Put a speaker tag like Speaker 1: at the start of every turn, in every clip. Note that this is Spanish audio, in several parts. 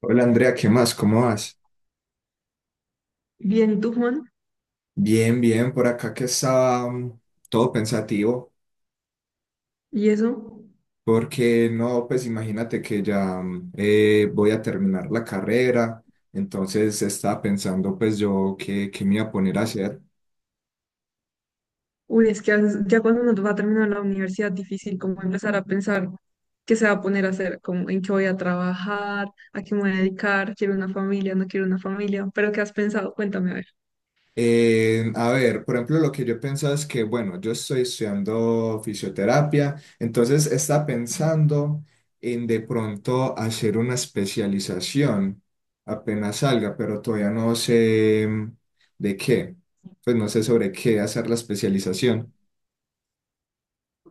Speaker 1: Hola Andrea, ¿qué más? ¿Cómo vas?
Speaker 2: Bien, y tú, Juan.
Speaker 1: Bien, bien, por acá que estaba todo pensativo,
Speaker 2: Y eso,
Speaker 1: porque no, pues imagínate que ya voy a terminar la carrera, entonces estaba pensando pues yo qué me iba a poner a hacer.
Speaker 2: uy, es que ya cuando uno va a terminar la universidad, difícil como empezar a pensar qué se va a poner a hacer, como en qué voy a trabajar, a qué me voy a dedicar, quiero una familia, no quiero una familia, pero ¿qué has pensado? Cuéntame, a ver.
Speaker 1: A ver, por ejemplo, lo que yo pensaba es que, bueno, yo estoy estudiando fisioterapia, entonces está pensando en de pronto hacer una especialización apenas salga, pero todavía no sé de qué, pues no sé sobre qué hacer la especialización.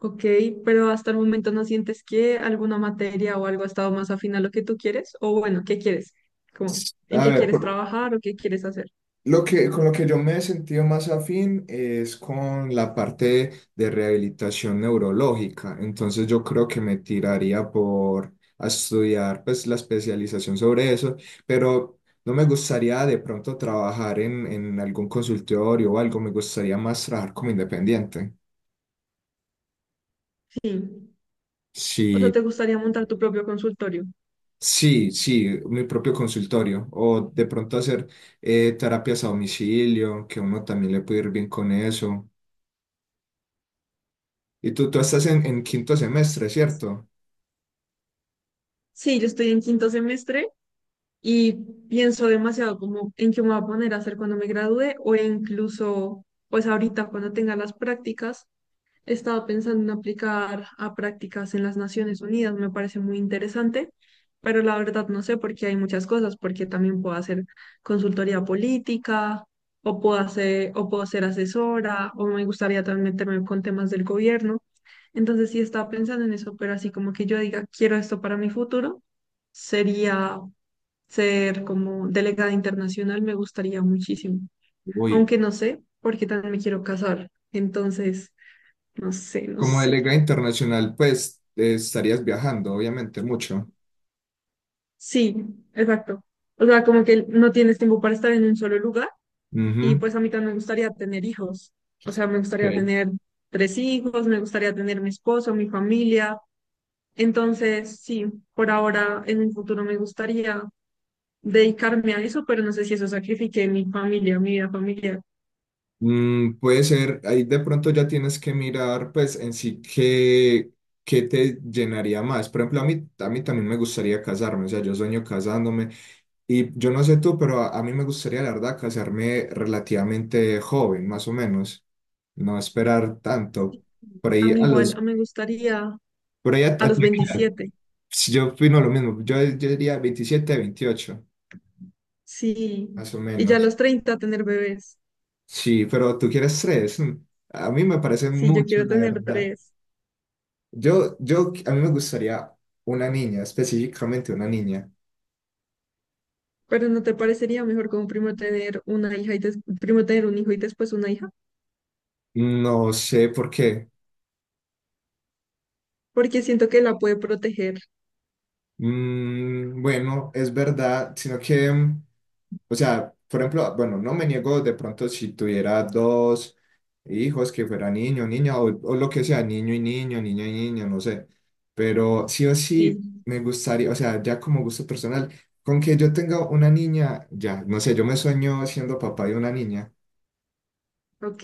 Speaker 2: Ok, pero hasta el momento ¿no sientes que alguna materia o algo ha estado más afín a lo que tú quieres? O bueno, ¿qué quieres? Como, ¿en
Speaker 1: A
Speaker 2: qué
Speaker 1: ver,
Speaker 2: quieres trabajar o qué quieres hacer?
Speaker 1: Con lo que yo me he sentido más afín es con la parte de rehabilitación neurológica. Entonces yo creo que me tiraría por a estudiar pues la especialización sobre eso, pero no me gustaría de pronto trabajar en algún consultorio o algo, me gustaría más trabajar como independiente.
Speaker 2: Sí. O sea,
Speaker 1: Sí,
Speaker 2: ¿te gustaría montar tu propio consultorio?
Speaker 1: sí, sí, mi propio consultorio o de pronto hacer terapias a domicilio, que uno también le puede ir bien con eso. Y tú estás en quinto semestre, ¿cierto?
Speaker 2: Sí, yo estoy en quinto semestre y pienso demasiado como en qué me voy a poner a hacer cuando me gradúe, o incluso pues ahorita cuando tenga las prácticas. Estaba pensando en aplicar a prácticas en las Naciones Unidas, me parece muy interesante, pero la verdad no sé porque hay muchas cosas, porque también puedo hacer consultoría política, o puedo hacer, o puedo ser asesora, o me gustaría también meterme con temas del gobierno. Entonces sí estaba pensando en eso, pero así como que yo diga, quiero esto para mi futuro, sería ser como delegada internacional, me gustaría muchísimo,
Speaker 1: Uy,
Speaker 2: aunque no sé porque también me quiero casar, entonces, no sé, no
Speaker 1: como
Speaker 2: sé.
Speaker 1: delegado internacional, pues estarías viajando, obviamente, mucho.
Speaker 2: Sí, exacto. O sea, como que no tienes tiempo para estar en un solo lugar, y
Speaker 1: Ujú,
Speaker 2: pues a mí también me gustaría tener hijos, o sea, me gustaría
Speaker 1: ok.
Speaker 2: tener tres hijos, me gustaría tener mi esposo, mi familia, entonces, sí, por ahora, en un futuro me gustaría dedicarme a eso, pero no sé si eso sacrifique mi familia, mi vida familiar.
Speaker 1: Puede ser, ahí de pronto ya tienes que mirar, pues en sí, qué, qué te llenaría más. Por ejemplo, a mí también me gustaría casarme, o sea, yo sueño casándome. Y yo no sé tú, pero a mí me gustaría, la verdad, casarme relativamente joven, más o menos. No esperar tanto.
Speaker 2: Sí.
Speaker 1: Por
Speaker 2: A
Speaker 1: ahí
Speaker 2: mí
Speaker 1: a los,
Speaker 2: igual, me gustaría.
Speaker 1: por ahí a
Speaker 2: A los
Speaker 1: ti, ¿a qué edad?
Speaker 2: 27,
Speaker 1: Sí, yo opino lo mismo, yo diría 27, 28
Speaker 2: sí.
Speaker 1: más o
Speaker 2: Y ya a
Speaker 1: menos.
Speaker 2: los 30 tener bebés.
Speaker 1: Sí, pero tú quieres tres. Mm. A mí me parece
Speaker 2: Sí, yo
Speaker 1: mucho,
Speaker 2: quiero
Speaker 1: la
Speaker 2: tener
Speaker 1: verdad.
Speaker 2: tres.
Speaker 1: A mí me gustaría una niña, específicamente una niña.
Speaker 2: Pero ¿no te parecería mejor como primero tener una hija y primero tener un hijo y después una hija?
Speaker 1: No sé por qué.
Speaker 2: Porque siento que la puede proteger.
Speaker 1: Bueno, es verdad, sino que, o sea, por ejemplo, bueno, no me niego de pronto si tuviera dos hijos que fuera niño, niña, o lo que sea, niño y niño, niña y niño, no sé, pero sí o sí
Speaker 2: Sí,
Speaker 1: me gustaría, o sea, ya como gusto personal, con que yo tenga una niña, ya, no sé, yo me sueño siendo papá de una niña.
Speaker 2: ok.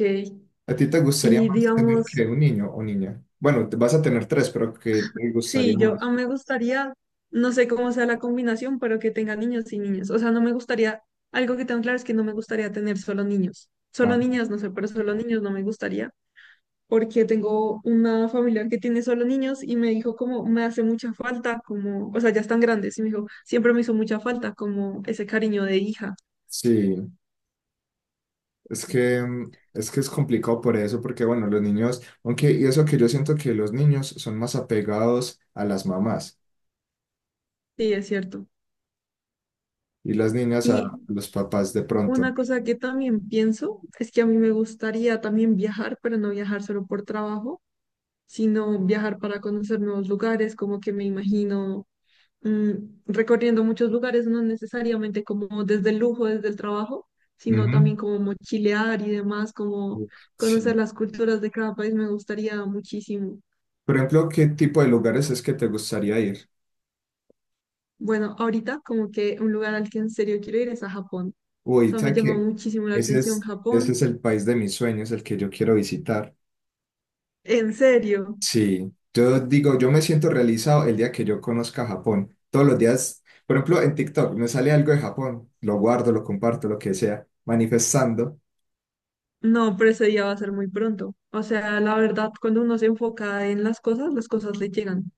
Speaker 1: ¿A ti te gustaría
Speaker 2: Y
Speaker 1: más tener
Speaker 2: digamos,
Speaker 1: que un niño o niña? Bueno, vas a tener tres, pero ¿qué te gustaría
Speaker 2: sí, yo
Speaker 1: más?
Speaker 2: a me gustaría, no sé cómo sea la combinación, pero que tenga niños y niñas. O sea, no me gustaría, algo que tengo claro es que no me gustaría tener solo niños. Solo
Speaker 1: Ah,
Speaker 2: niñas, no sé, pero solo niños no me gustaría. Porque tengo una familiar que tiene solo niños y me dijo como me hace mucha falta, como, o sea, ya están grandes, y me dijo, siempre me hizo mucha falta como ese cariño de hija.
Speaker 1: sí. Es que es complicado por eso, porque bueno, los niños, aunque, y eso que yo siento que los niños son más apegados a las mamás
Speaker 2: Sí, es cierto.
Speaker 1: y las niñas a
Speaker 2: Y
Speaker 1: los papás de pronto.
Speaker 2: una cosa que también pienso es que a mí me gustaría también viajar, pero no viajar solo por trabajo, sino viajar para conocer nuevos lugares, como que me imagino mm, recorriendo muchos lugares, no necesariamente como desde el lujo, desde el trabajo, sino
Speaker 1: Ujú.
Speaker 2: también como mochilear y demás, como
Speaker 1: Uf,
Speaker 2: conocer
Speaker 1: sí.
Speaker 2: las culturas de cada país, me gustaría muchísimo.
Speaker 1: Por ejemplo, ¿qué tipo de lugares es que te gustaría ir?
Speaker 2: Bueno, ahorita como que un lugar al que en serio quiero ir es a Japón. O
Speaker 1: Uy,
Speaker 2: sea, me
Speaker 1: ¿sabes
Speaker 2: llama
Speaker 1: qué?
Speaker 2: muchísimo la
Speaker 1: Ese
Speaker 2: atención
Speaker 1: es, ese
Speaker 2: Japón.
Speaker 1: es el país de mis sueños, el que yo quiero visitar.
Speaker 2: En serio.
Speaker 1: Sí, yo digo, yo me siento realizado el día que yo conozca Japón. Todos los días, por ejemplo, en TikTok me sale algo de Japón, lo guardo, lo comparto, lo que sea, manifestando.
Speaker 2: No, pero ese día va a ser muy pronto. O sea, la verdad, cuando uno se enfoca en las cosas le llegan,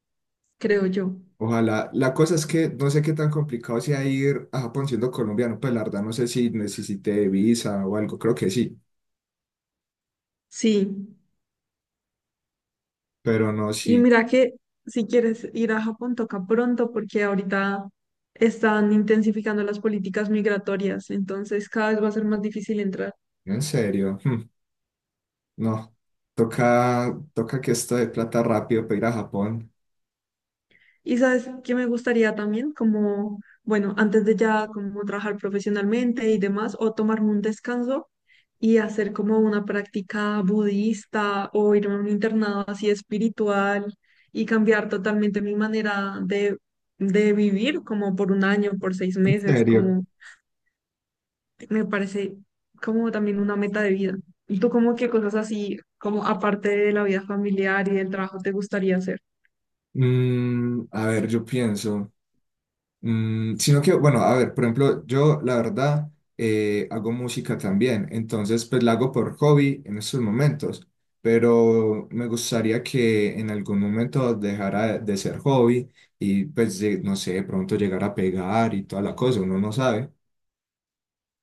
Speaker 2: creo yo.
Speaker 1: Ojalá, la cosa es que no sé qué tan complicado sea ir a Japón siendo colombiano, pues la verdad no sé si necesité visa o algo, creo que sí,
Speaker 2: Sí.
Speaker 1: pero no,
Speaker 2: Y
Speaker 1: sí,
Speaker 2: mira que si quieres ir a Japón, toca pronto porque ahorita están intensificando las políticas migratorias, entonces cada vez va a ser más difícil entrar.
Speaker 1: en serio, no, toca que esto de plata rápido para ir a Japón,
Speaker 2: Y sabes que me gustaría también, como, bueno, antes de ya como trabajar profesionalmente y demás, o tomarme un descanso y hacer como una práctica budista o irme a un internado así espiritual y cambiar totalmente mi manera de vivir, como por un año, por seis
Speaker 1: en
Speaker 2: meses,
Speaker 1: serio.
Speaker 2: como me parece como también una meta de vida. ¿Y tú como qué cosas así, como aparte de la vida familiar y del trabajo, te gustaría hacer?
Speaker 1: A ver, yo pienso. Sino que, bueno, a ver, por ejemplo, yo la verdad hago música también, entonces pues la hago por hobby en estos momentos, pero me gustaría que en algún momento dejara de ser hobby y pues no sé, de pronto llegar a pegar y toda la cosa, uno no sabe.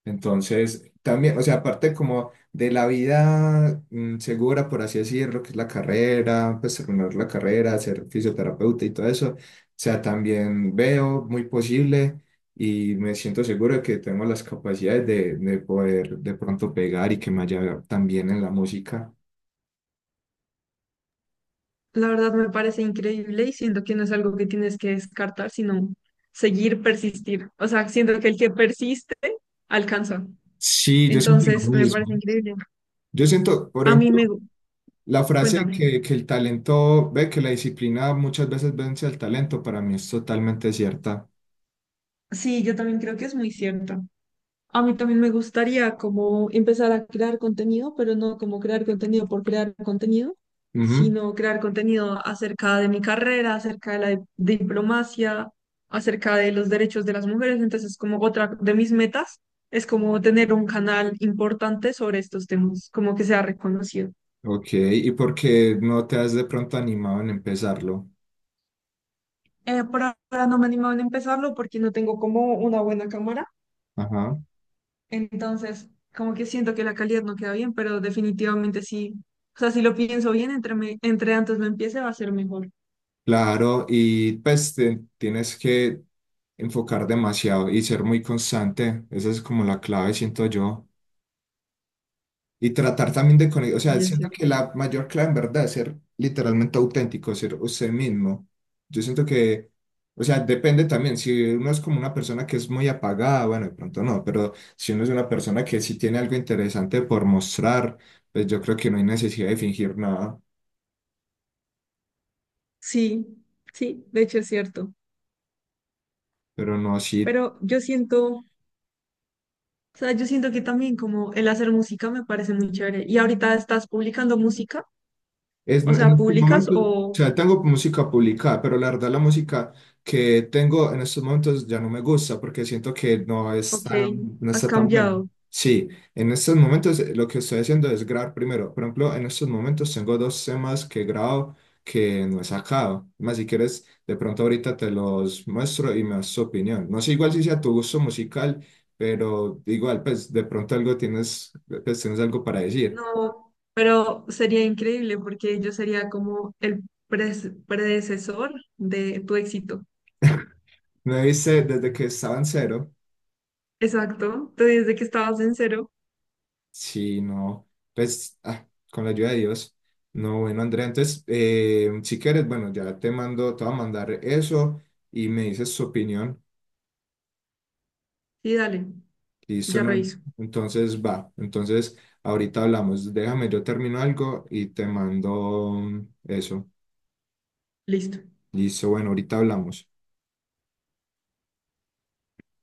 Speaker 1: Entonces, también, o sea, aparte como de la vida segura, por así decirlo, que es la carrera, pues terminar la carrera, ser fisioterapeuta y todo eso, o sea, también veo muy posible y me siento seguro de que tengo las capacidades de poder de pronto pegar y que me haya también en la música.
Speaker 2: La verdad me parece increíble y siento que no es algo que tienes que descartar, sino seguir, persistir. O sea, siento que el que persiste alcanza.
Speaker 1: Sí, yo siento lo
Speaker 2: Entonces, me parece
Speaker 1: mismo.
Speaker 2: increíble.
Speaker 1: Yo siento, por
Speaker 2: A mí
Speaker 1: ejemplo,
Speaker 2: me... gu-
Speaker 1: la frase
Speaker 2: Cuéntame.
Speaker 1: que el talento ve, que la disciplina muchas veces vence al talento, para mí es totalmente cierta.
Speaker 2: Sí, yo también creo que es muy cierto. A mí también me gustaría como empezar a crear contenido, pero no como crear contenido por crear contenido,
Speaker 1: Ujú.
Speaker 2: sino crear contenido acerca de mi carrera, acerca de la diplomacia, acerca de los derechos de las mujeres. Entonces, como otra de mis metas es como tener un canal importante sobre estos temas, como que sea reconocido.
Speaker 1: Ok, ¿y por qué no te has de pronto animado en empezarlo?
Speaker 2: Por ahora no me animo a empezarlo porque no tengo como una buena cámara.
Speaker 1: Ajá,
Speaker 2: Entonces, como que siento que la calidad no queda bien, pero definitivamente sí. O sea, si lo pienso bien, entre, entre antes lo empiece va a ser mejor.
Speaker 1: claro, y pues tienes que enfocar demasiado y ser muy constante, esa es como la clave, siento yo. Y tratar también de conectar, o sea,
Speaker 2: Y es
Speaker 1: siento
Speaker 2: cierto.
Speaker 1: que la mayor clave en verdad es ser literalmente auténtico, ser usted mismo. Yo siento que, o sea, depende también, si uno es como una persona que es muy apagada, bueno, de pronto no, pero si uno es una persona que sí tiene algo interesante por mostrar, pues yo creo que no hay necesidad de fingir nada,
Speaker 2: Sí, sí, de hecho es cierto.
Speaker 1: pero no, sí.
Speaker 2: Pero yo siento, o sea, yo siento que también como el hacer música me parece muy chévere. ¿Y ahorita estás publicando música?
Speaker 1: Es, en
Speaker 2: O sea,
Speaker 1: estos
Speaker 2: ¿publicas
Speaker 1: momentos, o
Speaker 2: o,
Speaker 1: sea, tengo música publicada, pero la verdad la música que tengo en estos momentos ya no me gusta porque siento que
Speaker 2: ok,
Speaker 1: no
Speaker 2: has
Speaker 1: está tan buena.
Speaker 2: cambiado?
Speaker 1: Sí, en estos momentos lo que estoy haciendo es grabar primero. Por ejemplo, en estos momentos tengo dos temas que grabo que no he sacado. Más si quieres, de pronto ahorita te los muestro y me das tu opinión. No sé igual si sea tu gusto musical, pero igual, pues de pronto algo tienes, pues, tienes algo para decir.
Speaker 2: No, pero sería increíble porque yo sería como el predecesor de tu éxito.
Speaker 1: Me viste desde que estaba en cero.
Speaker 2: Exacto, te dije de que estabas en cero
Speaker 1: Sí, no, pues ah, con la ayuda de Dios. No, bueno, Andrea, entonces, si quieres, bueno, ya te mando, te voy a mandar eso y me dices tu opinión.
Speaker 2: y dale,
Speaker 1: Listo,
Speaker 2: ya
Speaker 1: ¿no?
Speaker 2: reviso.
Speaker 1: Entonces, va. Entonces, ahorita hablamos. Déjame, yo termino algo y te mando eso.
Speaker 2: Listo.
Speaker 1: Listo, bueno, ahorita hablamos.